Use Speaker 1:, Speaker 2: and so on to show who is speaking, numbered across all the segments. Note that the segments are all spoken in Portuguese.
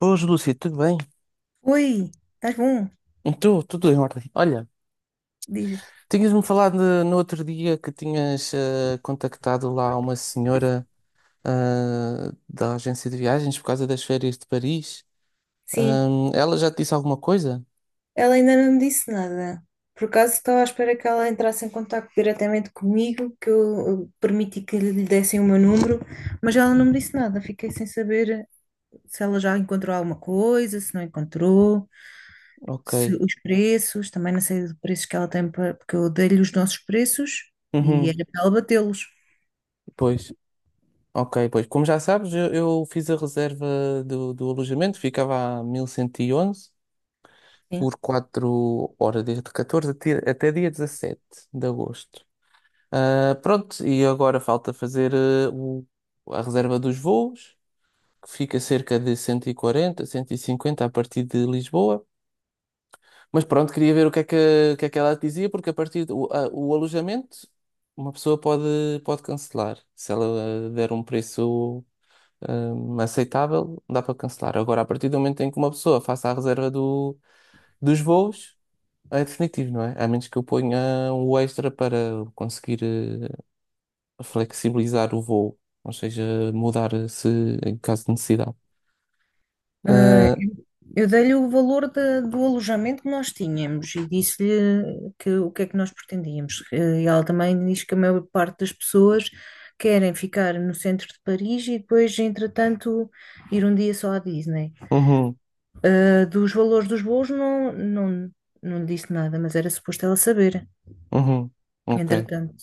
Speaker 1: Boas, Lúcia, tudo bem?
Speaker 2: Oi, estás bom?
Speaker 1: Então, tudo em ordem. Olha,
Speaker 2: Diz.
Speaker 1: tinhas-me falado no outro dia que tinhas contactado lá uma senhora da agência de viagens por causa das férias de Paris.
Speaker 2: Sim,
Speaker 1: Ela já te disse alguma coisa?
Speaker 2: ela ainda não me disse nada. Por acaso estava à espera que ela entrasse em contato diretamente comigo, que eu permiti que lhe dessem o meu número, mas ela não me disse nada. Fiquei sem saber se ela já encontrou alguma coisa, se não encontrou,
Speaker 1: Ok.
Speaker 2: se os preços, também não sei os preços que ela tem, para, porque eu dei-lhe os nossos preços e
Speaker 1: Uhum.
Speaker 2: era para ela batê-los.
Speaker 1: Pois. Ok, pois. Como já sabes, eu fiz a reserva do alojamento, ficava a 1111.
Speaker 2: Sim.
Speaker 1: Por 4 horas, desde 14 até dia 17 de agosto. Pronto, e agora falta fazer a reserva dos voos, que fica cerca de cento e 150 a partir de Lisboa. Mas pronto, queria ver o que é que ela dizia, porque a partir do o alojamento, uma pessoa pode cancelar. Se ela der um preço aceitável, dá para cancelar. Agora, a partir do momento em que uma pessoa faça a reserva dos voos, é definitivo, não é? A menos que eu ponha um extra para conseguir flexibilizar o voo, ou seja, mudar se em caso de necessidade.
Speaker 2: Ah,
Speaker 1: Ah,
Speaker 2: eu dei-lhe o valor da- do alojamento que nós tínhamos e disse-lhe que, o que é que nós pretendíamos. E ela também diz que a maior parte das pessoas querem ficar no centro de Paris e depois, entretanto, ir um dia só à Disney.
Speaker 1: uhum,
Speaker 2: Ah, dos valores dos voos não, não, não lhe disse nada, mas era suposto ela saber,
Speaker 1: uhum. Ok,
Speaker 2: entretanto.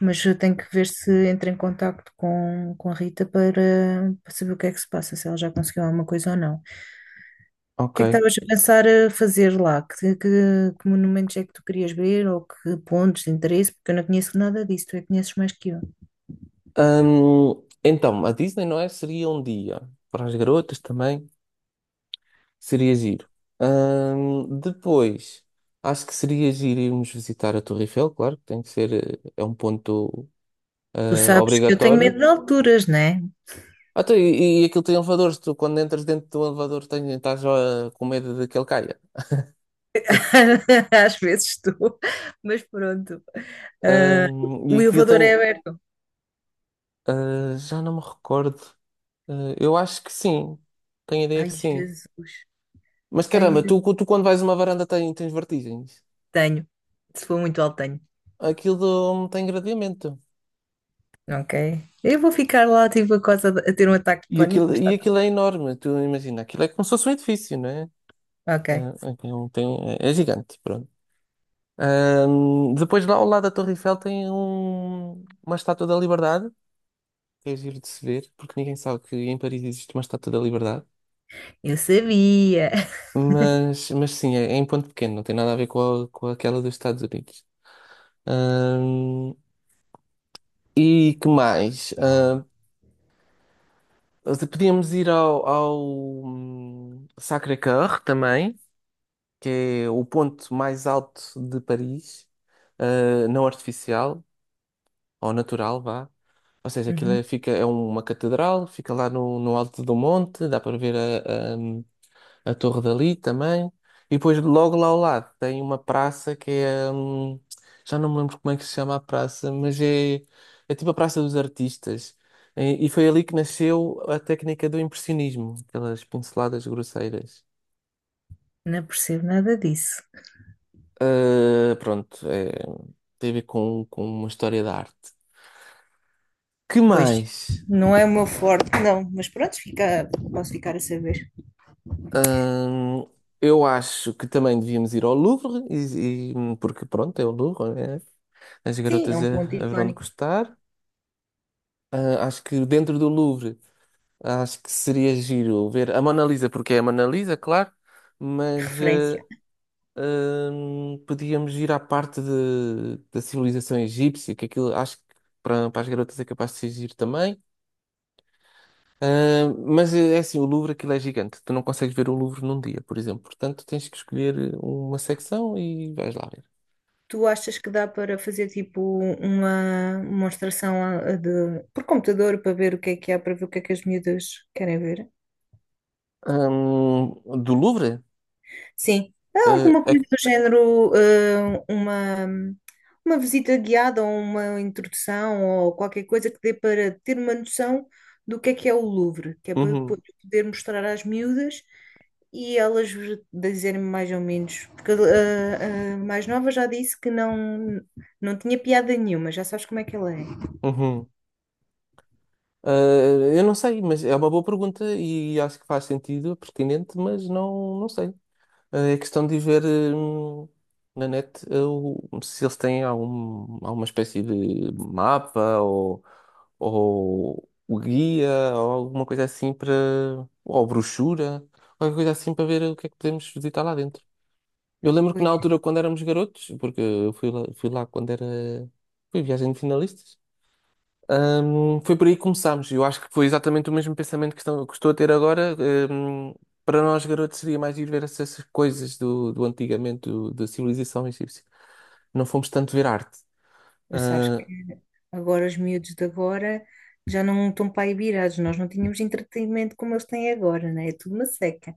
Speaker 2: Mas eu tenho que ver se entra em contacto com a Rita para saber o que é que se passa, se ela já conseguiu alguma coisa ou não.
Speaker 1: ok.
Speaker 2: Que é que estavas a pensar a fazer lá? Que monumentos é que tu querias ver ou que pontos de interesse? Porque eu não conheço nada disso, tu é que conheces mais que eu.
Speaker 1: Então, a Disney, não é? Seria um dia para as garotas também. Seria giro. Depois, acho que seria giro irmos visitar a Torre Eiffel, claro que tem que ser, é um ponto
Speaker 2: Tu sabes que eu tenho medo
Speaker 1: obrigatório.
Speaker 2: de alturas, né?
Speaker 1: Tá, e aquilo tem elevadores, tu quando entras dentro do elevador tens estás com medo de que ele caia.
Speaker 2: Às vezes estou, mas pronto.
Speaker 1: E
Speaker 2: O
Speaker 1: aquilo
Speaker 2: elevador é
Speaker 1: tem,
Speaker 2: aberto.
Speaker 1: já não me recordo. Ah, eu acho que sim, tenho a ideia
Speaker 2: Ai,
Speaker 1: que sim.
Speaker 2: Jesus.
Speaker 1: Mas
Speaker 2: Ai,
Speaker 1: caramba,
Speaker 2: Jesus,
Speaker 1: tu quando vais a uma varanda tens vertigens.
Speaker 2: tenho. Se for muito alto, tenho.
Speaker 1: Aquilo tem gradeamento.
Speaker 2: Ok. Eu vou ficar lá, tipo, a, coisa de- a ter um ataque de
Speaker 1: E
Speaker 2: pânico,
Speaker 1: aquilo,
Speaker 2: mas
Speaker 1: e
Speaker 2: está
Speaker 1: aquilo é
Speaker 2: tudo.
Speaker 1: enorme, tu imagina, aquilo é como se fosse um edifício, não é?
Speaker 2: Ok.
Speaker 1: É, aquilo é gigante, pronto. Depois lá ao lado da Torre Eiffel tem uma estátua da Liberdade, que é giro de se ver, porque ninguém sabe que em Paris existe uma estátua da Liberdade.
Speaker 2: Eu sabia.
Speaker 1: Mas sim, é em ponto pequeno, não tem nada a ver com, com aquela dos Estados Unidos. Ahm, e que mais? Podíamos ir ao Sacré-Cœur também. Que é o ponto mais alto de Paris, não artificial, ou natural, vá. Ou seja, aquilo
Speaker 2: Uhum.
Speaker 1: é, fica, é uma catedral, fica lá no alto do monte, dá para ver a torre dali também. E depois, logo lá ao lado, tem uma praça que é. Já não me lembro como é que se chama a praça, mas é tipo a Praça dos Artistas. E foi ali que nasceu a técnica do impressionismo, aquelas pinceladas grosseiras.
Speaker 2: Não percebo nada disso.
Speaker 1: Pronto, é, tem a ver com uma história da arte. Que
Speaker 2: Pois,
Speaker 1: mais?
Speaker 2: não é o meu forte, não, mas pronto, fica, posso ficar a saber.
Speaker 1: Hum, eu acho que também devíamos ir ao Louvre, porque pronto, é o Louvre, né? As
Speaker 2: Sim, é
Speaker 1: garotas
Speaker 2: um ponto
Speaker 1: haverão de
Speaker 2: icónico
Speaker 1: gostar. Ah, acho que dentro do Louvre, acho que seria giro ver a Mona Lisa, porque é a Mona Lisa, claro,
Speaker 2: de
Speaker 1: mas
Speaker 2: referência.
Speaker 1: podíamos ir à parte da civilização egípcia, que aquilo acho que para as garotas é capaz de ser giro também. Mas é assim, o Louvre aquilo é gigante. Tu não consegues ver o Louvre num dia, por exemplo. Portanto, tens que escolher uma secção e vais lá ver.
Speaker 2: Tu achas que dá para fazer tipo uma demonstração a de, por computador para ver o que é que há, para ver o que é que as miúdas querem ver?
Speaker 1: Do Louvre?
Speaker 2: Sim, é
Speaker 1: Ah,
Speaker 2: alguma
Speaker 1: é
Speaker 2: coisa
Speaker 1: que-
Speaker 2: do género, uma visita guiada ou uma introdução ou qualquer coisa que dê para ter uma noção do que é o Louvre, que é para
Speaker 1: Uhum,
Speaker 2: depois poder mostrar às miúdas e elas dizerem mais ou menos. Porque a mais nova já disse que não, não tinha piada nenhuma, já sabes como é que ela é.
Speaker 1: uhum. Ah, eu não sei, mas é uma boa pergunta e acho que faz sentido, é pertinente, mas não, não sei. É questão de ver hum, na net se eles têm alguma espécie de mapa ou o guia ou alguma coisa assim para. Ou brochura, qualquer coisa assim para ver o que é que podemos visitar lá dentro. Eu lembro que na
Speaker 2: Pois,
Speaker 1: altura, quando éramos garotos, porque eu fui lá quando era. Fui viagem de finalistas. Foi por aí que começámos. Eu acho que foi exatamente o mesmo pensamento que que estou a ter agora. Hum, para nós, garotos, seria mais ir ver essas coisas do antigamente, da civilização egípcia. Não fomos tanto ver arte.
Speaker 2: mas sabes
Speaker 1: Ah,
Speaker 2: que agora os miúdos de agora já não estão para aí virados, nós não tínhamos entretenimento como eles têm agora, né? É tudo uma seca.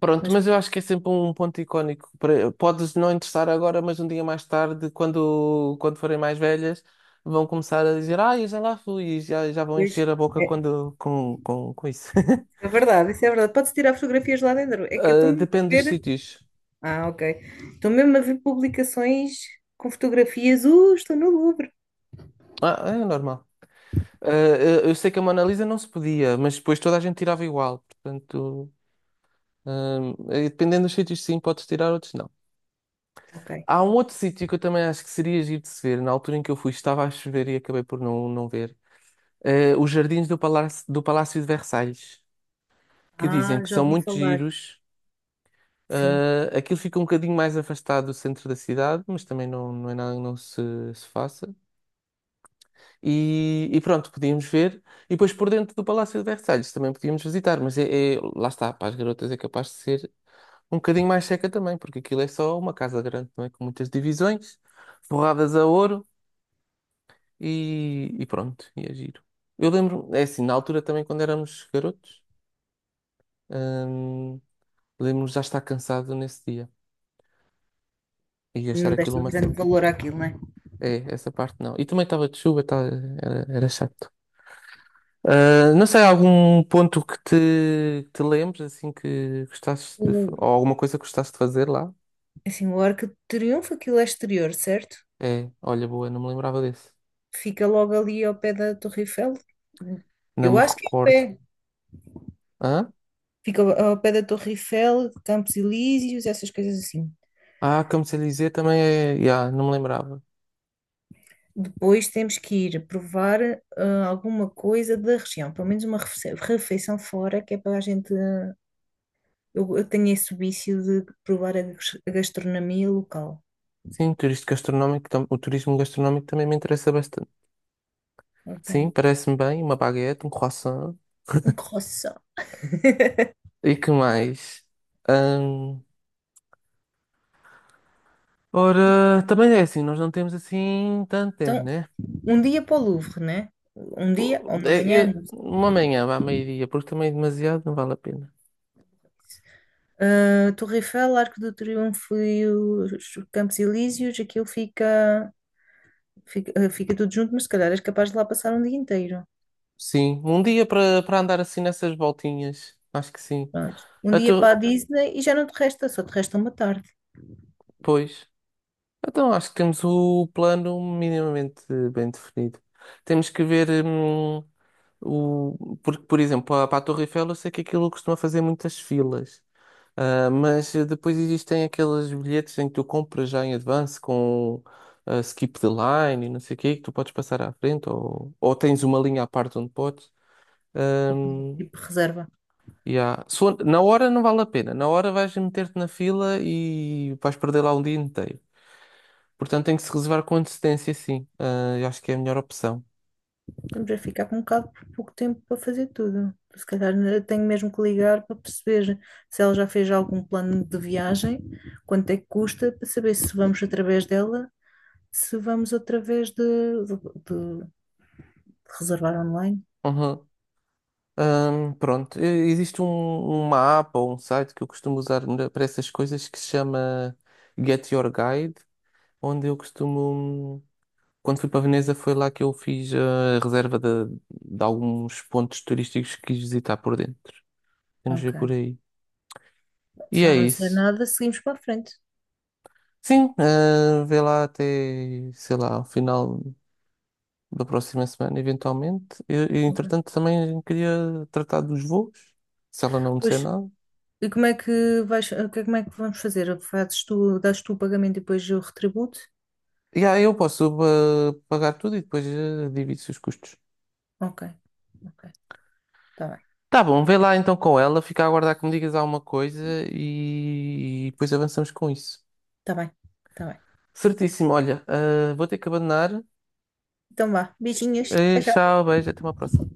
Speaker 1: pronto,
Speaker 2: Mas
Speaker 1: mas eu acho que é sempre um ponto icónico. Podes não interessar agora, mas um dia mais tarde, quando forem mais velhas, vão começar a dizer: Ah, eu já lá fui, e já vão
Speaker 2: depois.
Speaker 1: encher a boca
Speaker 2: É, isso
Speaker 1: com isso.
Speaker 2: é verdade, isso é verdade. Pode-se tirar fotografias lá dentro. É que eu estou
Speaker 1: Ah,
Speaker 2: mesmo a
Speaker 1: depende dos
Speaker 2: ver.
Speaker 1: sítios.
Speaker 2: Ah, ok. Estou mesmo a ver publicações com fotografias. Estou no Louvre.
Speaker 1: Ah, é normal. Ah, eu sei que a Mona Lisa não se podia, mas depois toda a gente tirava igual. Portanto, dependendo dos sítios, sim, podes tirar, outros não.
Speaker 2: Ok.
Speaker 1: Há um outro sítio que eu também acho que seria giro de se ver. Na altura em que eu fui, estava a chover e acabei por não, não ver. Os jardins do Palácio de Versalhes, que dizem
Speaker 2: Ah,
Speaker 1: que
Speaker 2: já
Speaker 1: são
Speaker 2: ouvi
Speaker 1: muito
Speaker 2: falar.
Speaker 1: giros.
Speaker 2: Sim.
Speaker 1: Aquilo fica um bocadinho mais afastado do centro da cidade, mas também não, não é nada que não se faça. E pronto, podíamos ver. E depois por dentro do Palácio de Versalhes também podíamos visitar, mas lá está, para as garotas é capaz de ser um bocadinho mais seca também, porque aquilo é só uma casa grande, não é? Com muitas divisões, forradas a ouro e pronto, e é giro. Eu lembro, é assim, na altura também quando éramos garotos, hum, lembro-me já estar cansado nesse dia e achar
Speaker 2: Não
Speaker 1: aquilo
Speaker 2: deste um
Speaker 1: uma
Speaker 2: grande
Speaker 1: seca.
Speaker 2: valor àquilo, não é?
Speaker 1: É, essa parte não. E também estava de chuva, era chato. Não sei, algum ponto que te lembres, assim, que gostasses de
Speaker 2: O,
Speaker 1: ou alguma coisa que gostasses de fazer lá?
Speaker 2: assim, o Arco de Triunfo, aquilo é exterior, certo?
Speaker 1: É, olha, boa, não me lembrava desse.
Speaker 2: Fica logo ali ao pé da Torre Eiffel.
Speaker 1: Não
Speaker 2: Eu
Speaker 1: me
Speaker 2: acho que é
Speaker 1: recordo.
Speaker 2: ao pé.
Speaker 1: Hã?
Speaker 2: Fica ao pé da Torre Eiffel, Campos Elíseos, essas coisas assim.
Speaker 1: Como se dizer, também é. Yeah, não me lembrava.
Speaker 2: Depois temos que ir provar alguma coisa da região, pelo menos uma refe- refeição fora, que é para a gente, eu tenho esse vício de provar a gas- a gastronomia local.
Speaker 1: Sim, turismo gastronómico, o turismo gastronómico também me interessa bastante. Sim,
Speaker 2: Portanto,
Speaker 1: parece-me bem, uma baguete, um croissant.
Speaker 2: um croissant.
Speaker 1: E que mais? Ahn, ora, também é assim, nós não temos assim tanto tempo,
Speaker 2: Então,
Speaker 1: né?
Speaker 2: um dia para o Louvre, né? Um dia ou uma manhã, não sei.
Speaker 1: Uma manhã, vá, meio-dia, porque também é demasiado, não vale a pena.
Speaker 2: Ah, Torre Eiffel, Arco do Triunfo e os Campos Elíseos, aquilo fica, fica, ah, fica tudo junto, mas se calhar és capaz de lá passar um dia inteiro.
Speaker 1: Sim, um dia para andar assim nessas voltinhas. Acho que sim.
Speaker 2: Pronto. Um dia para
Speaker 1: Então,
Speaker 2: a Disney e já não te resta, só te resta uma tarde.
Speaker 1: pois. Então acho que temos o plano minimamente bem definido. Temos que ver o. Porque, por exemplo, para a Torre Eiffel eu sei que aquilo costuma fazer muitas filas. Mas depois existem aqueles bilhetes em que tu compras já em advance com skip the line e não sei o quê, que tu podes passar à frente ou tens uma linha à parte onde podes.
Speaker 2: Ou coisa
Speaker 1: Hum,
Speaker 2: tipo reserva.
Speaker 1: Ya. Se for- Na hora não vale a pena. Na hora vais meter-te na fila e vais perder lá um dia inteiro. Portanto, tem que se reservar com antecedência, sim. Ah, eu acho que é a melhor opção.
Speaker 2: Estamos a ficar com um bocado por pouco tempo para fazer tudo. Se calhar eu tenho mesmo que ligar para perceber se ela já fez algum plano de viagem, quanto é que custa, para saber se vamos através dela se vamos outra vez de reservar online.
Speaker 1: Pronto, existe uma app ou um site que eu costumo usar para essas coisas que se chama Get Your Guide, onde eu costumo. Quando fui para Veneza, foi lá que eu fiz a reserva de alguns pontos turísticos que quis visitar por dentro. Vamos ver
Speaker 2: Ok.
Speaker 1: por aí. E
Speaker 2: Se
Speaker 1: é
Speaker 2: eu não dizer
Speaker 1: isso.
Speaker 2: nada, seguimos para a frente.
Speaker 1: Sim, vê lá até, sei lá, ao final da próxima semana, eventualmente. E,
Speaker 2: Ok.
Speaker 1: entretanto, também queria tratar dos voos, se ela não disser
Speaker 2: Pois,
Speaker 1: nada.
Speaker 2: e como é que vais, o que é- como é que vamos fazer? Fazes tu, dás tu o pagamento e depois eu retributo?
Speaker 1: E aí eu posso pagar tudo e depois divido-se os custos.
Speaker 2: Ok. Ok. Tá bem.
Speaker 1: Tá bom, vê lá então com ela, fica a aguardar que me digas alguma coisa e depois avançamos com isso.
Speaker 2: Tá bem, tá bem.
Speaker 1: Certíssimo, olha, vou ter que abandonar.
Speaker 2: Então vá. Beijinhos.
Speaker 1: Eh,
Speaker 2: Tchau, tchau.
Speaker 1: tchau, beijo, até uma próxima.